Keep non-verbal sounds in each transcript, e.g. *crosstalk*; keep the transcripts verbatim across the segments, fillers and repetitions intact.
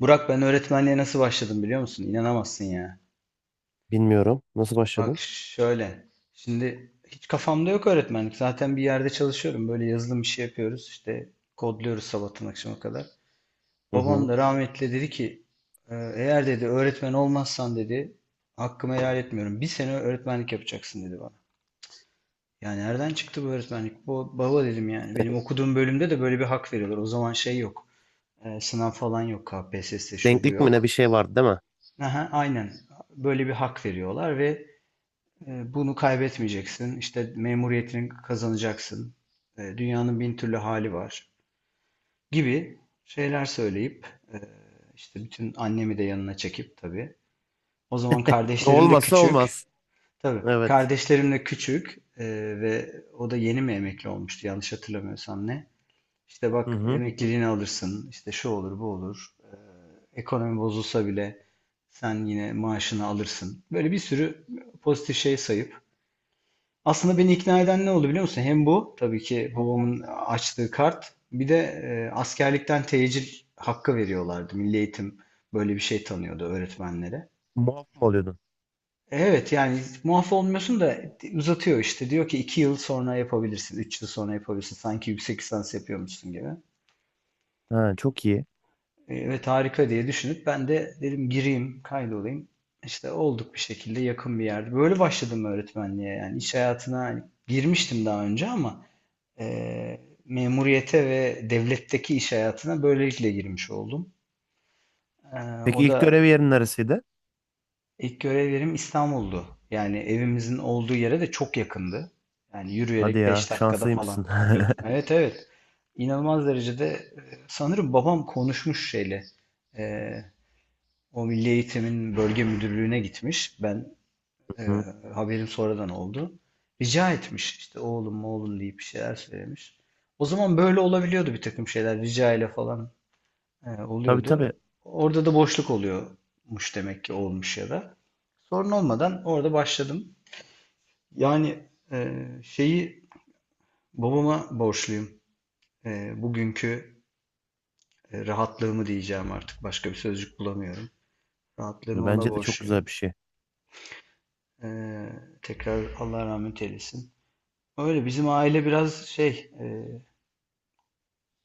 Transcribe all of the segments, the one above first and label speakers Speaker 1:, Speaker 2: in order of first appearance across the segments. Speaker 1: Burak ben öğretmenliğe nasıl başladım biliyor musun? İnanamazsın ya.
Speaker 2: Bilmiyorum. Nasıl
Speaker 1: Bak
Speaker 2: başladın?
Speaker 1: şöyle. Şimdi hiç kafamda yok öğretmenlik. Zaten bir yerde çalışıyorum. Böyle yazılım işi yapıyoruz. İşte kodluyoruz sabahtan akşama kadar.
Speaker 2: Hı
Speaker 1: Babam
Speaker 2: hı.
Speaker 1: da rahmetli dedi ki "E, eğer dedi öğretmen olmazsan dedi hakkımı helal etmiyorum. Bir sene öğretmenlik yapacaksın dedi bana. Yani nereden çıktı bu öğretmenlik? Bu baba dedim yani. Benim okuduğum bölümde de böyle bir hak veriyorlar. O zaman şey yok. E, sınav falan yok. K P S S şu bu
Speaker 2: Denklik mi ne bir
Speaker 1: yok.
Speaker 2: şey vardı değil mi?
Speaker 1: Aha, aynen. Böyle bir hak veriyorlar ve e, bunu kaybetmeyeceksin. İşte memuriyetini kazanacaksın. E, dünyanın bin türlü hali var gibi şeyler söyleyip e, işte bütün annemi de yanına çekip tabii. O zaman
Speaker 2: E,
Speaker 1: kardeşlerim de
Speaker 2: olmazsa
Speaker 1: küçük.
Speaker 2: olmaz.
Speaker 1: Tabii
Speaker 2: Evet.
Speaker 1: kardeşlerim de küçük, e, ve o da yeni mi emekli olmuştu yanlış hatırlamıyorsam ne. İşte
Speaker 2: Hı
Speaker 1: bak
Speaker 2: hı.
Speaker 1: emekliliğini alırsın, işte şu olur, bu olur. Ee, ekonomi bozulsa bile sen yine maaşını alırsın. Böyle bir sürü pozitif şey sayıp. Aslında beni ikna eden ne oldu biliyor musun? Hem bu, tabii ki babamın açtığı kart, bir de e, askerlikten tecil hakkı veriyorlardı. Milli Eğitim böyle bir şey tanıyordu öğretmenlere.
Speaker 2: Muaf mı oluyordun?
Speaker 1: Evet yani muaf olmuyorsun da uzatıyor işte. Diyor ki iki yıl sonra yapabilirsin, üç yıl sonra yapabilirsin. Sanki yüksek lisans yapıyormuşsun gibi.
Speaker 2: Ha, çok iyi.
Speaker 1: Evet harika diye düşünüp ben de dedim gireyim kaydolayım. İşte olduk bir şekilde yakın bir yerde. Böyle başladım öğretmenliğe yani iş hayatına hani girmiştim daha önce ama e, memuriyete ve devletteki iş hayatına böylelikle girmiş oldum. E, o
Speaker 2: Peki ilk
Speaker 1: da
Speaker 2: görev yerin neresiydi?
Speaker 1: ilk görev yerim İstanbul'du. Yani evimizin olduğu yere de çok yakındı. Yani
Speaker 2: Hadi
Speaker 1: yürüyerek
Speaker 2: ya
Speaker 1: beş dakikada falan
Speaker 2: şanslıymışsın.
Speaker 1: gidiyordum.
Speaker 2: *laughs*
Speaker 1: Evet, evet. İnanılmaz derecede, e, sanırım babam konuşmuş şeyle. e, O Milli Eğitim'in bölge müdürlüğüne gitmiş. Ben, e,
Speaker 2: Hı.
Speaker 1: haberim sonradan oldu. Rica etmiş işte oğlum oğlum deyip bir şeyler söylemiş. O zaman böyle olabiliyordu bir takım şeyler rica ile falan e,
Speaker 2: Tabii tabii.
Speaker 1: oluyordu. Orada da boşluk oluyormuş demek ki olmuş ya da. Sorun olmadan orada başladım. Yani e, şeyi babama borçluyum. E, bugünkü e, rahatlığımı diyeceğim artık başka bir sözcük bulamıyorum. Rahatlığımı ona
Speaker 2: Bence de çok
Speaker 1: borçluyum.
Speaker 2: güzel bir şey.
Speaker 1: Eee, tekrar Allah rahmet eylesin. Öyle bizim aile biraz şey, eee,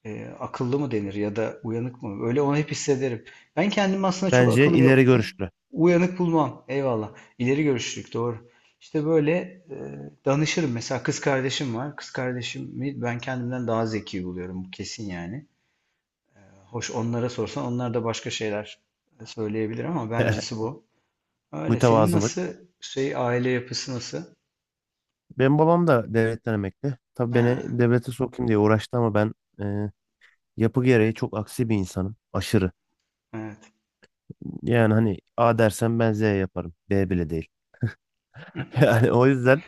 Speaker 1: eee, akıllı mı denir ya da uyanık mı? Öyle onu hep hissederim. Ben kendimi aslında çok
Speaker 2: Bence
Speaker 1: akıllı ve
Speaker 2: ileri
Speaker 1: u-
Speaker 2: görüşlü.
Speaker 1: uyanık bulmam. Eyvallah. İleri görüşlülük doğru. İşte böyle eee, danışırım. Mesela kız kardeşim var. Kız kardeşimi ben kendimden daha zeki buluyorum. Bu kesin yani. Hoş onlara sorsan onlar da başka şeyler söyleyebilir ama bencesi
Speaker 2: *laughs*
Speaker 1: bu. Öyle. Senin nasıl,
Speaker 2: Mütevazılık.
Speaker 1: şey aile yapısı nasıl?
Speaker 2: Benim babam da devletten emekli. Tabii
Speaker 1: Ha,
Speaker 2: beni devlete sokayım diye uğraştı ama ben e, yapı gereği çok aksi bir insanım. Aşırı.
Speaker 1: evet.
Speaker 2: Yani hani A dersen ben Z yaparım. B bile değil. *laughs* Yani o yüzden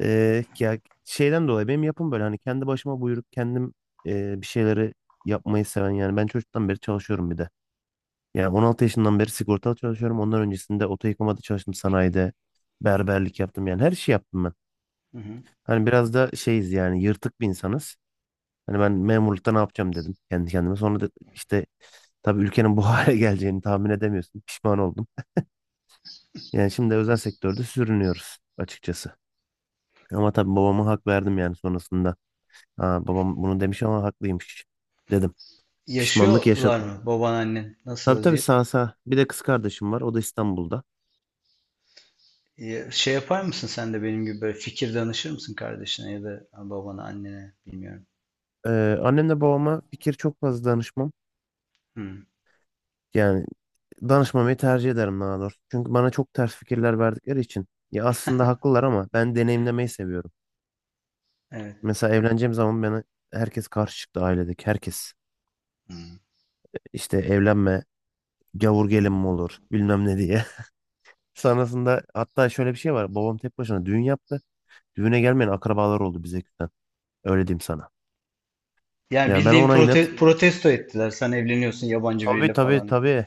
Speaker 2: eee, ya şeyden dolayı benim yapım böyle hani kendi başıma buyruk kendim eee, bir şeyleri yapmayı seven yani ben çocuktan beri çalışıyorum bir de. Yani on altı yaşından beri sigortalı çalışıyorum. Ondan öncesinde oto yıkamada çalıştım sanayide. Berberlik yaptım yani her şey yaptım ben.
Speaker 1: Hı hı.
Speaker 2: Hani biraz da şeyiz yani yırtık bir insanız. Hani ben memurlukta ne yapacağım dedim kendi kendime. Sonra da işte tabii ülkenin bu hale *laughs* geleceğini tahmin edemiyorsun. Pişman oldum. Yani şimdi özel sektörde sürünüyoruz açıkçası. Ama tabii babama hak verdim yani sonrasında. Ha, babam bunu demiş ama haklıymış dedim. Pişmanlık
Speaker 1: Yaşıyorlar
Speaker 2: yaşadım.
Speaker 1: mı baban annen? Nasıl
Speaker 2: Tabii tabii
Speaker 1: vaziyet?
Speaker 2: sağ sağ. Bir de kız kardeşim var. O da İstanbul'da.
Speaker 1: Ya- Şey yapar mısın sen de benim gibi böyle fikir danışır mısın kardeşine ya da babana annene bilmiyorum.
Speaker 2: Ee, annemle babama fikir çok fazla danışmam.
Speaker 1: Hmm,
Speaker 2: Yani danışmamayı tercih ederim daha doğrusu. Çünkü bana çok ters fikirler verdikleri için. Ya aslında haklılar ama ben deneyimlemeyi seviyorum.
Speaker 1: evet.
Speaker 2: Mesela evleneceğim zaman bana herkes karşı çıktı ailedeki herkes.
Speaker 1: Hmm.
Speaker 2: İşte evlenme, gavur gelin mi olur bilmem ne diye. *laughs* Sonrasında hatta şöyle bir şey var. Babam tek başına düğün yaptı. Düğüne gelmeyen akrabalar oldu bize küsen. Öyle diyeyim sana.
Speaker 1: Yani
Speaker 2: Yani ben
Speaker 1: bildiğin
Speaker 2: ona inat.
Speaker 1: prote- protesto ettiler. Sen evleniyorsun yabancı
Speaker 2: Tabii
Speaker 1: biriyle
Speaker 2: tabii
Speaker 1: falan.
Speaker 2: tabii.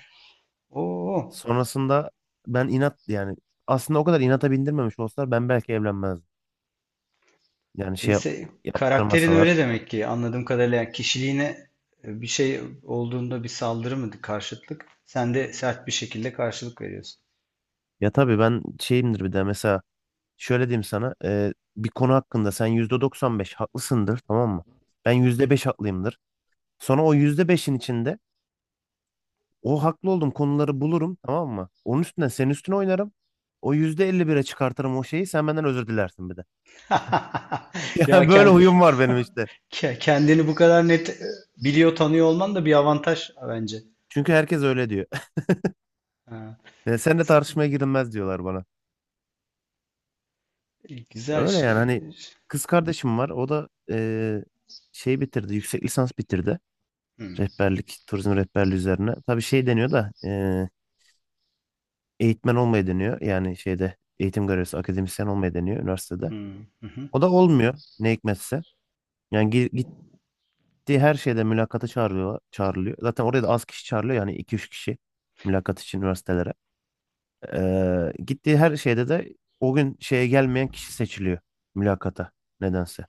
Speaker 1: Oo.
Speaker 2: Sonrasında ben inat yani aslında o kadar inata bindirmemiş olsalar ben belki evlenmezdim. Yani şey yap-
Speaker 1: Neyse karakterin öyle
Speaker 2: yaptırmasalar.
Speaker 1: demek ki anladığım kadarıyla yani kişiliğine, e, bir şey olduğunda bir saldırı mı, karşıtlık? Sen de sert bir şekilde karşılık veriyorsun.
Speaker 2: Ya tabii ben şeyimdir bir de mesela şöyle diyeyim sana e, bir konu hakkında sen yüzde doksan beş haklısındır tamam mı? Ben yüzde beş haklıyımdır. Sonra o yüzde beşin içinde o haklı olduğum konuları bulurum tamam mı? Onun üstüne senin üstüne oynarım. O yüzde elli bire çıkartırım o şeyi sen benden özür dilersin bir de. *laughs*
Speaker 1: *laughs* Ya,
Speaker 2: Yani böyle huyum var benim işte.
Speaker 1: Ke- Kendini bu kadar net, e, biliyor, tanıyor olman da bir avantaj bence.
Speaker 2: Çünkü herkes öyle diyor.
Speaker 1: Ha.
Speaker 2: E, seninle tartışmaya girilmez diyorlar bana.
Speaker 1: Güzel
Speaker 2: Öyle yani
Speaker 1: şey.
Speaker 2: hani kız kardeşim var. O da e, şey bitirdi. Yüksek lisans bitirdi.
Speaker 1: Hmm,
Speaker 2: Rehberlik, turizm rehberliği üzerine. Tabii şey deniyor da e, eğitmen olmayı deniyor. Yani şeyde eğitim görevlisi, akademisyen olmayı deniyor üniversitede.
Speaker 1: hmm, hı hı.
Speaker 2: O da olmuyor ne hikmetse. Yani gi- gittiği her şeyde mülakata çağırıyor, çağrılıyor. Zaten oraya da az kişi çağrılıyor. Yani iki üç kişi mülakat için üniversitelere. E, gittiği her şeyde de o gün şeye gelmeyen kişi seçiliyor mülakata nedense.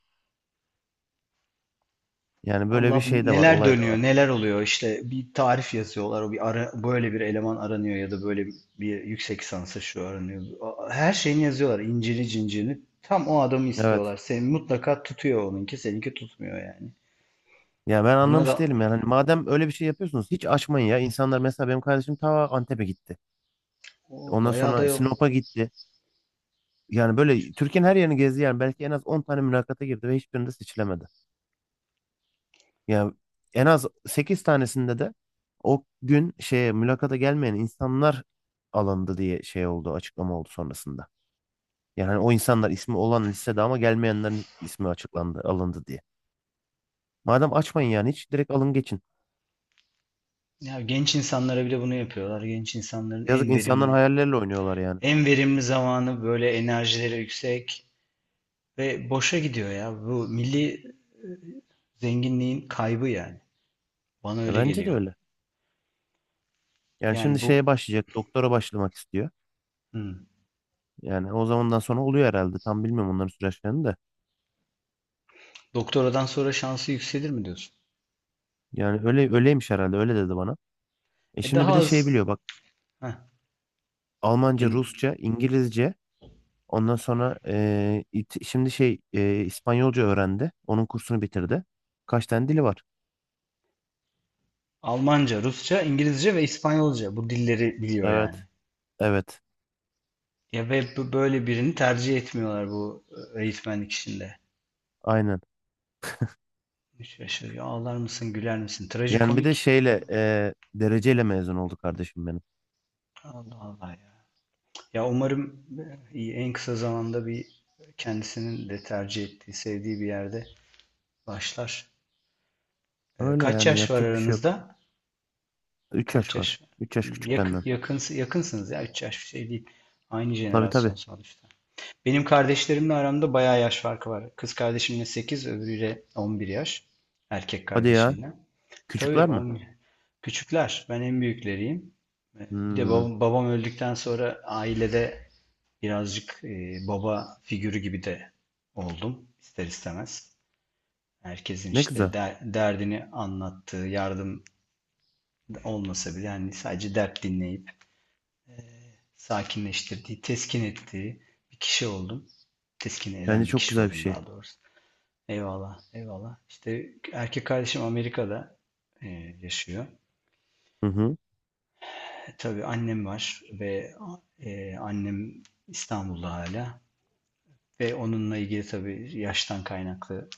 Speaker 2: Yani böyle bir
Speaker 1: Allah
Speaker 2: şey de var,
Speaker 1: neler
Speaker 2: olay da
Speaker 1: dönüyor,
Speaker 2: var.
Speaker 1: neler oluyor. İşte bir tarif yazıyorlar. O bir ara, böyle bir eleman aranıyor ya da böyle bir yüksek lisansa şu aranıyor. A- Her şeyini yazıyorlar. İncini cincirini. Tam o adamı
Speaker 2: Evet.
Speaker 1: istiyorlar. Seni mutlaka tutuyor onunki, seninki tutmuyor yani.
Speaker 2: Ya ben
Speaker 1: Buna
Speaker 2: anlamış
Speaker 1: da
Speaker 2: değilim yani. Hani madem öyle bir şey yapıyorsunuz hiç açmayın ya. İnsanlar mesela benim kardeşim ta Antep'e gitti.
Speaker 1: o,
Speaker 2: Ondan
Speaker 1: bayağı da
Speaker 2: sonra
Speaker 1: yok.
Speaker 2: Sinop'a gitti. Yani böyle Türkiye'nin her yerini gezdi yani. Belki en az on tane mülakata girdi ve hiçbirinde seçilemedi. Yani en az sekiz tanesinde de o gün şeye mülakata gelmeyen insanlar alındı diye şey oldu, açıklama oldu sonrasında. Yani hani o insanlar ismi olan listede ama gelmeyenlerin ismi açıklandı, alındı diye. Madem açmayın yani hiç direkt alın geçin.
Speaker 1: Ya genç insanlara bile bunu yapıyorlar. Genç insanların
Speaker 2: Yazık
Speaker 1: en
Speaker 2: insanların
Speaker 1: verimli
Speaker 2: hayalleriyle oynuyorlar yani.
Speaker 1: En verimli zamanı böyle enerjileri yüksek ve boşa gidiyor ya. Bu milli zenginliğin kaybı yani. Bana
Speaker 2: E,
Speaker 1: öyle
Speaker 2: bence de
Speaker 1: geliyor.
Speaker 2: öyle. Yani
Speaker 1: Yani
Speaker 2: şimdi şeye
Speaker 1: bu
Speaker 2: başlayacak. Doktora başlamak istiyor.
Speaker 1: hmm.
Speaker 2: Yani o zamandan sonra oluyor herhalde. Tam bilmiyorum onların süreçlerini de.
Speaker 1: Doktoradan sonra şansı yükselir mi diyorsun?
Speaker 2: Yani öyle öyleymiş herhalde. Öyle dedi bana. E
Speaker 1: E
Speaker 2: şimdi
Speaker 1: daha
Speaker 2: bir de şey
Speaker 1: az
Speaker 2: biliyor bak.
Speaker 1: Heh.
Speaker 2: Almanca,
Speaker 1: En-
Speaker 2: Rusça, İngilizce. Ondan sonra e, it- şimdi şey e, İspanyolca öğrendi. Onun kursunu bitirdi. Kaç tane dili var?
Speaker 1: Almanca, Rusça, İngilizce ve İspanyolca bu dilleri biliyor yani.
Speaker 2: Evet. Evet.
Speaker 1: Ya ve bu- böyle birini tercih etmiyorlar bu e, eğitmenlik işinde.
Speaker 2: Aynen.
Speaker 1: Şaşırıyor. Ağlar mısın, güler misin?
Speaker 2: Yani bir de
Speaker 1: Trajikomik.
Speaker 2: şeyle e, dereceyle mezun oldu kardeşim benim.
Speaker 1: Allah Allah ya. Ya umarım, e, en kısa zamanda bir kendisinin de tercih ettiği, sevdiği bir yerde başlar. E,
Speaker 2: Öyle
Speaker 1: kaç
Speaker 2: yani
Speaker 1: yaş var
Speaker 2: yapacak bir şey yok.
Speaker 1: aranızda?
Speaker 2: üç
Speaker 1: Kaç
Speaker 2: yaş var.
Speaker 1: yaş var?
Speaker 2: Üç yaş
Speaker 1: Hmm,
Speaker 2: küçük
Speaker 1: Yakın,
Speaker 2: benden.
Speaker 1: yakın, yakınsınız ya. Üç yaş bir şey değil. Aynı
Speaker 2: Tabii
Speaker 1: jenerasyon
Speaker 2: tabii.
Speaker 1: sonuçta. Benim kardeşlerimle aramda bayağı yaş farkı var. Kız kardeşimle sekiz, öbürüyle on bir yaş. Erkek
Speaker 2: Hadi ya.
Speaker 1: kardeşimle. Tabii
Speaker 2: Küçükler mi?
Speaker 1: on bir. Küçükler. Ben en büyükleriyim. E, Bir de
Speaker 2: Hmm,
Speaker 1: babam, babam öldükten sonra ailede birazcık, e, baba figürü gibi de oldum ister istemez. Herkesin
Speaker 2: ne
Speaker 1: işte
Speaker 2: güzel.
Speaker 1: der- derdini anlattığı, yardım olmasa bile yani sadece dert dinleyip sakinleştirdiği, teskin ettiği bir kişi oldum. Teskin
Speaker 2: Bence
Speaker 1: eden bir
Speaker 2: çok
Speaker 1: kişi
Speaker 2: güzel bir
Speaker 1: oldum
Speaker 2: şey.
Speaker 1: daha doğrusu. Eyvallah, eyvallah. İşte erkek kardeşim Amerika'da e, yaşıyor.
Speaker 2: Hı hı.
Speaker 1: E, tabii annem var ve e, annem İstanbul'da hala. Ve onunla ilgili tabii yaştan kaynaklı,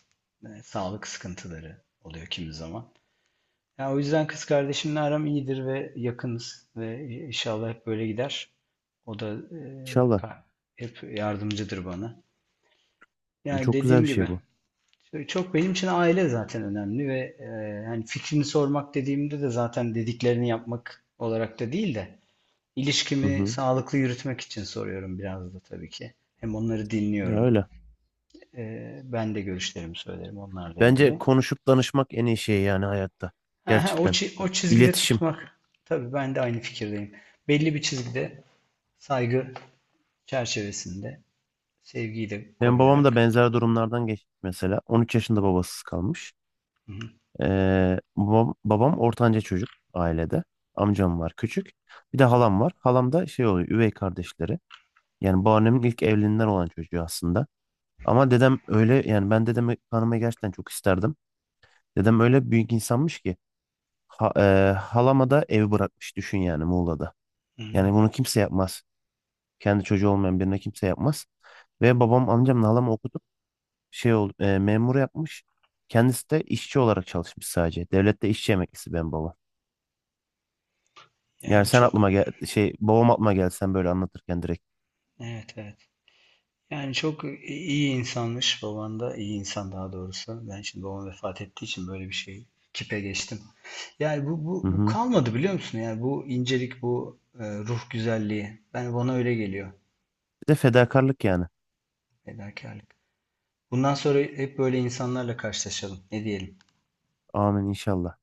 Speaker 1: e, sağlık sıkıntıları oluyor kimi zaman. Yani o yüzden kız kardeşimle aram iyidir ve yakınız ve e, inşallah hep böyle gider. O da e,
Speaker 2: İnşallah.
Speaker 1: ka- hep yardımcıdır bana. Yani
Speaker 2: Çok güzel
Speaker 1: dediğim
Speaker 2: bir
Speaker 1: gibi
Speaker 2: şey bu.
Speaker 1: işte çok benim için aile zaten önemli ve e, hani fikrini sormak dediğimde de zaten dediklerini yapmak olarak da değil de
Speaker 2: Hı
Speaker 1: ilişkimi
Speaker 2: hı.
Speaker 1: sağlıklı yürütmek için soruyorum biraz da tabii ki. Hem onları
Speaker 2: Ya
Speaker 1: dinliyorum.
Speaker 2: öyle.
Speaker 1: E, ben de görüşlerimi söylerim onlarla
Speaker 2: Bence
Speaker 1: ilgili.
Speaker 2: konuşup danışmak en iyi şey yani hayatta.
Speaker 1: Ha, ha, o,
Speaker 2: Gerçekten.
Speaker 1: çi- o çizgide
Speaker 2: İletişim.
Speaker 1: tutmak. Tabii ben de aynı fikirdeyim. Belli bir çizgide saygı çerçevesinde sevgiyi de
Speaker 2: Benim babam da
Speaker 1: koruyarak.
Speaker 2: benzer durumlardan geçti mesela. On üç yaşında babasız kalmış.
Speaker 1: Hı hı.
Speaker 2: Ee, babam, babam ortanca çocuk ailede. Amcam var küçük. Bir de halam var. Halam da şey oluyor üvey kardeşleri. Yani babaannemin ilk evliliğinden olan çocuğu aslında. Ama dedem öyle yani ben dedemi tanımayı gerçekten çok isterdim. Dedem öyle büyük insanmış ki ha, e, halama da ev bırakmış düşün yani Muğla'da. Yani
Speaker 1: Hmm,
Speaker 2: bunu kimse yapmaz. Kendi çocuğu olmayan birine kimse yapmaz. Ve babam amcamla halamı okutup şey ol, e, memur yapmış. Kendisi de işçi olarak çalışmış sadece. Devlette işçi emeklisi benim babam. Yani
Speaker 1: Yani
Speaker 2: sen
Speaker 1: çok,
Speaker 2: aklıma gel şey babam aklıma geldi sen böyle anlatırken direkt.
Speaker 1: evet, evet. Yani çok iyi insanmış baban da iyi insan daha doğrusu. Ben şimdi babam vefat ettiği için böyle bir şey kipe geçtim. Yani bu, bu,
Speaker 2: Hı
Speaker 1: bu
Speaker 2: hı.
Speaker 1: kalmadı biliyor musun? Yani bu incelik, bu e, ruh güzelliği. Ben bana öyle geliyor.
Speaker 2: Bir de fedakarlık yani.
Speaker 1: Fedakarlık. Bundan sonra hep böyle insanlarla karşılaşalım. Ne diyelim?
Speaker 2: Amin inşallah.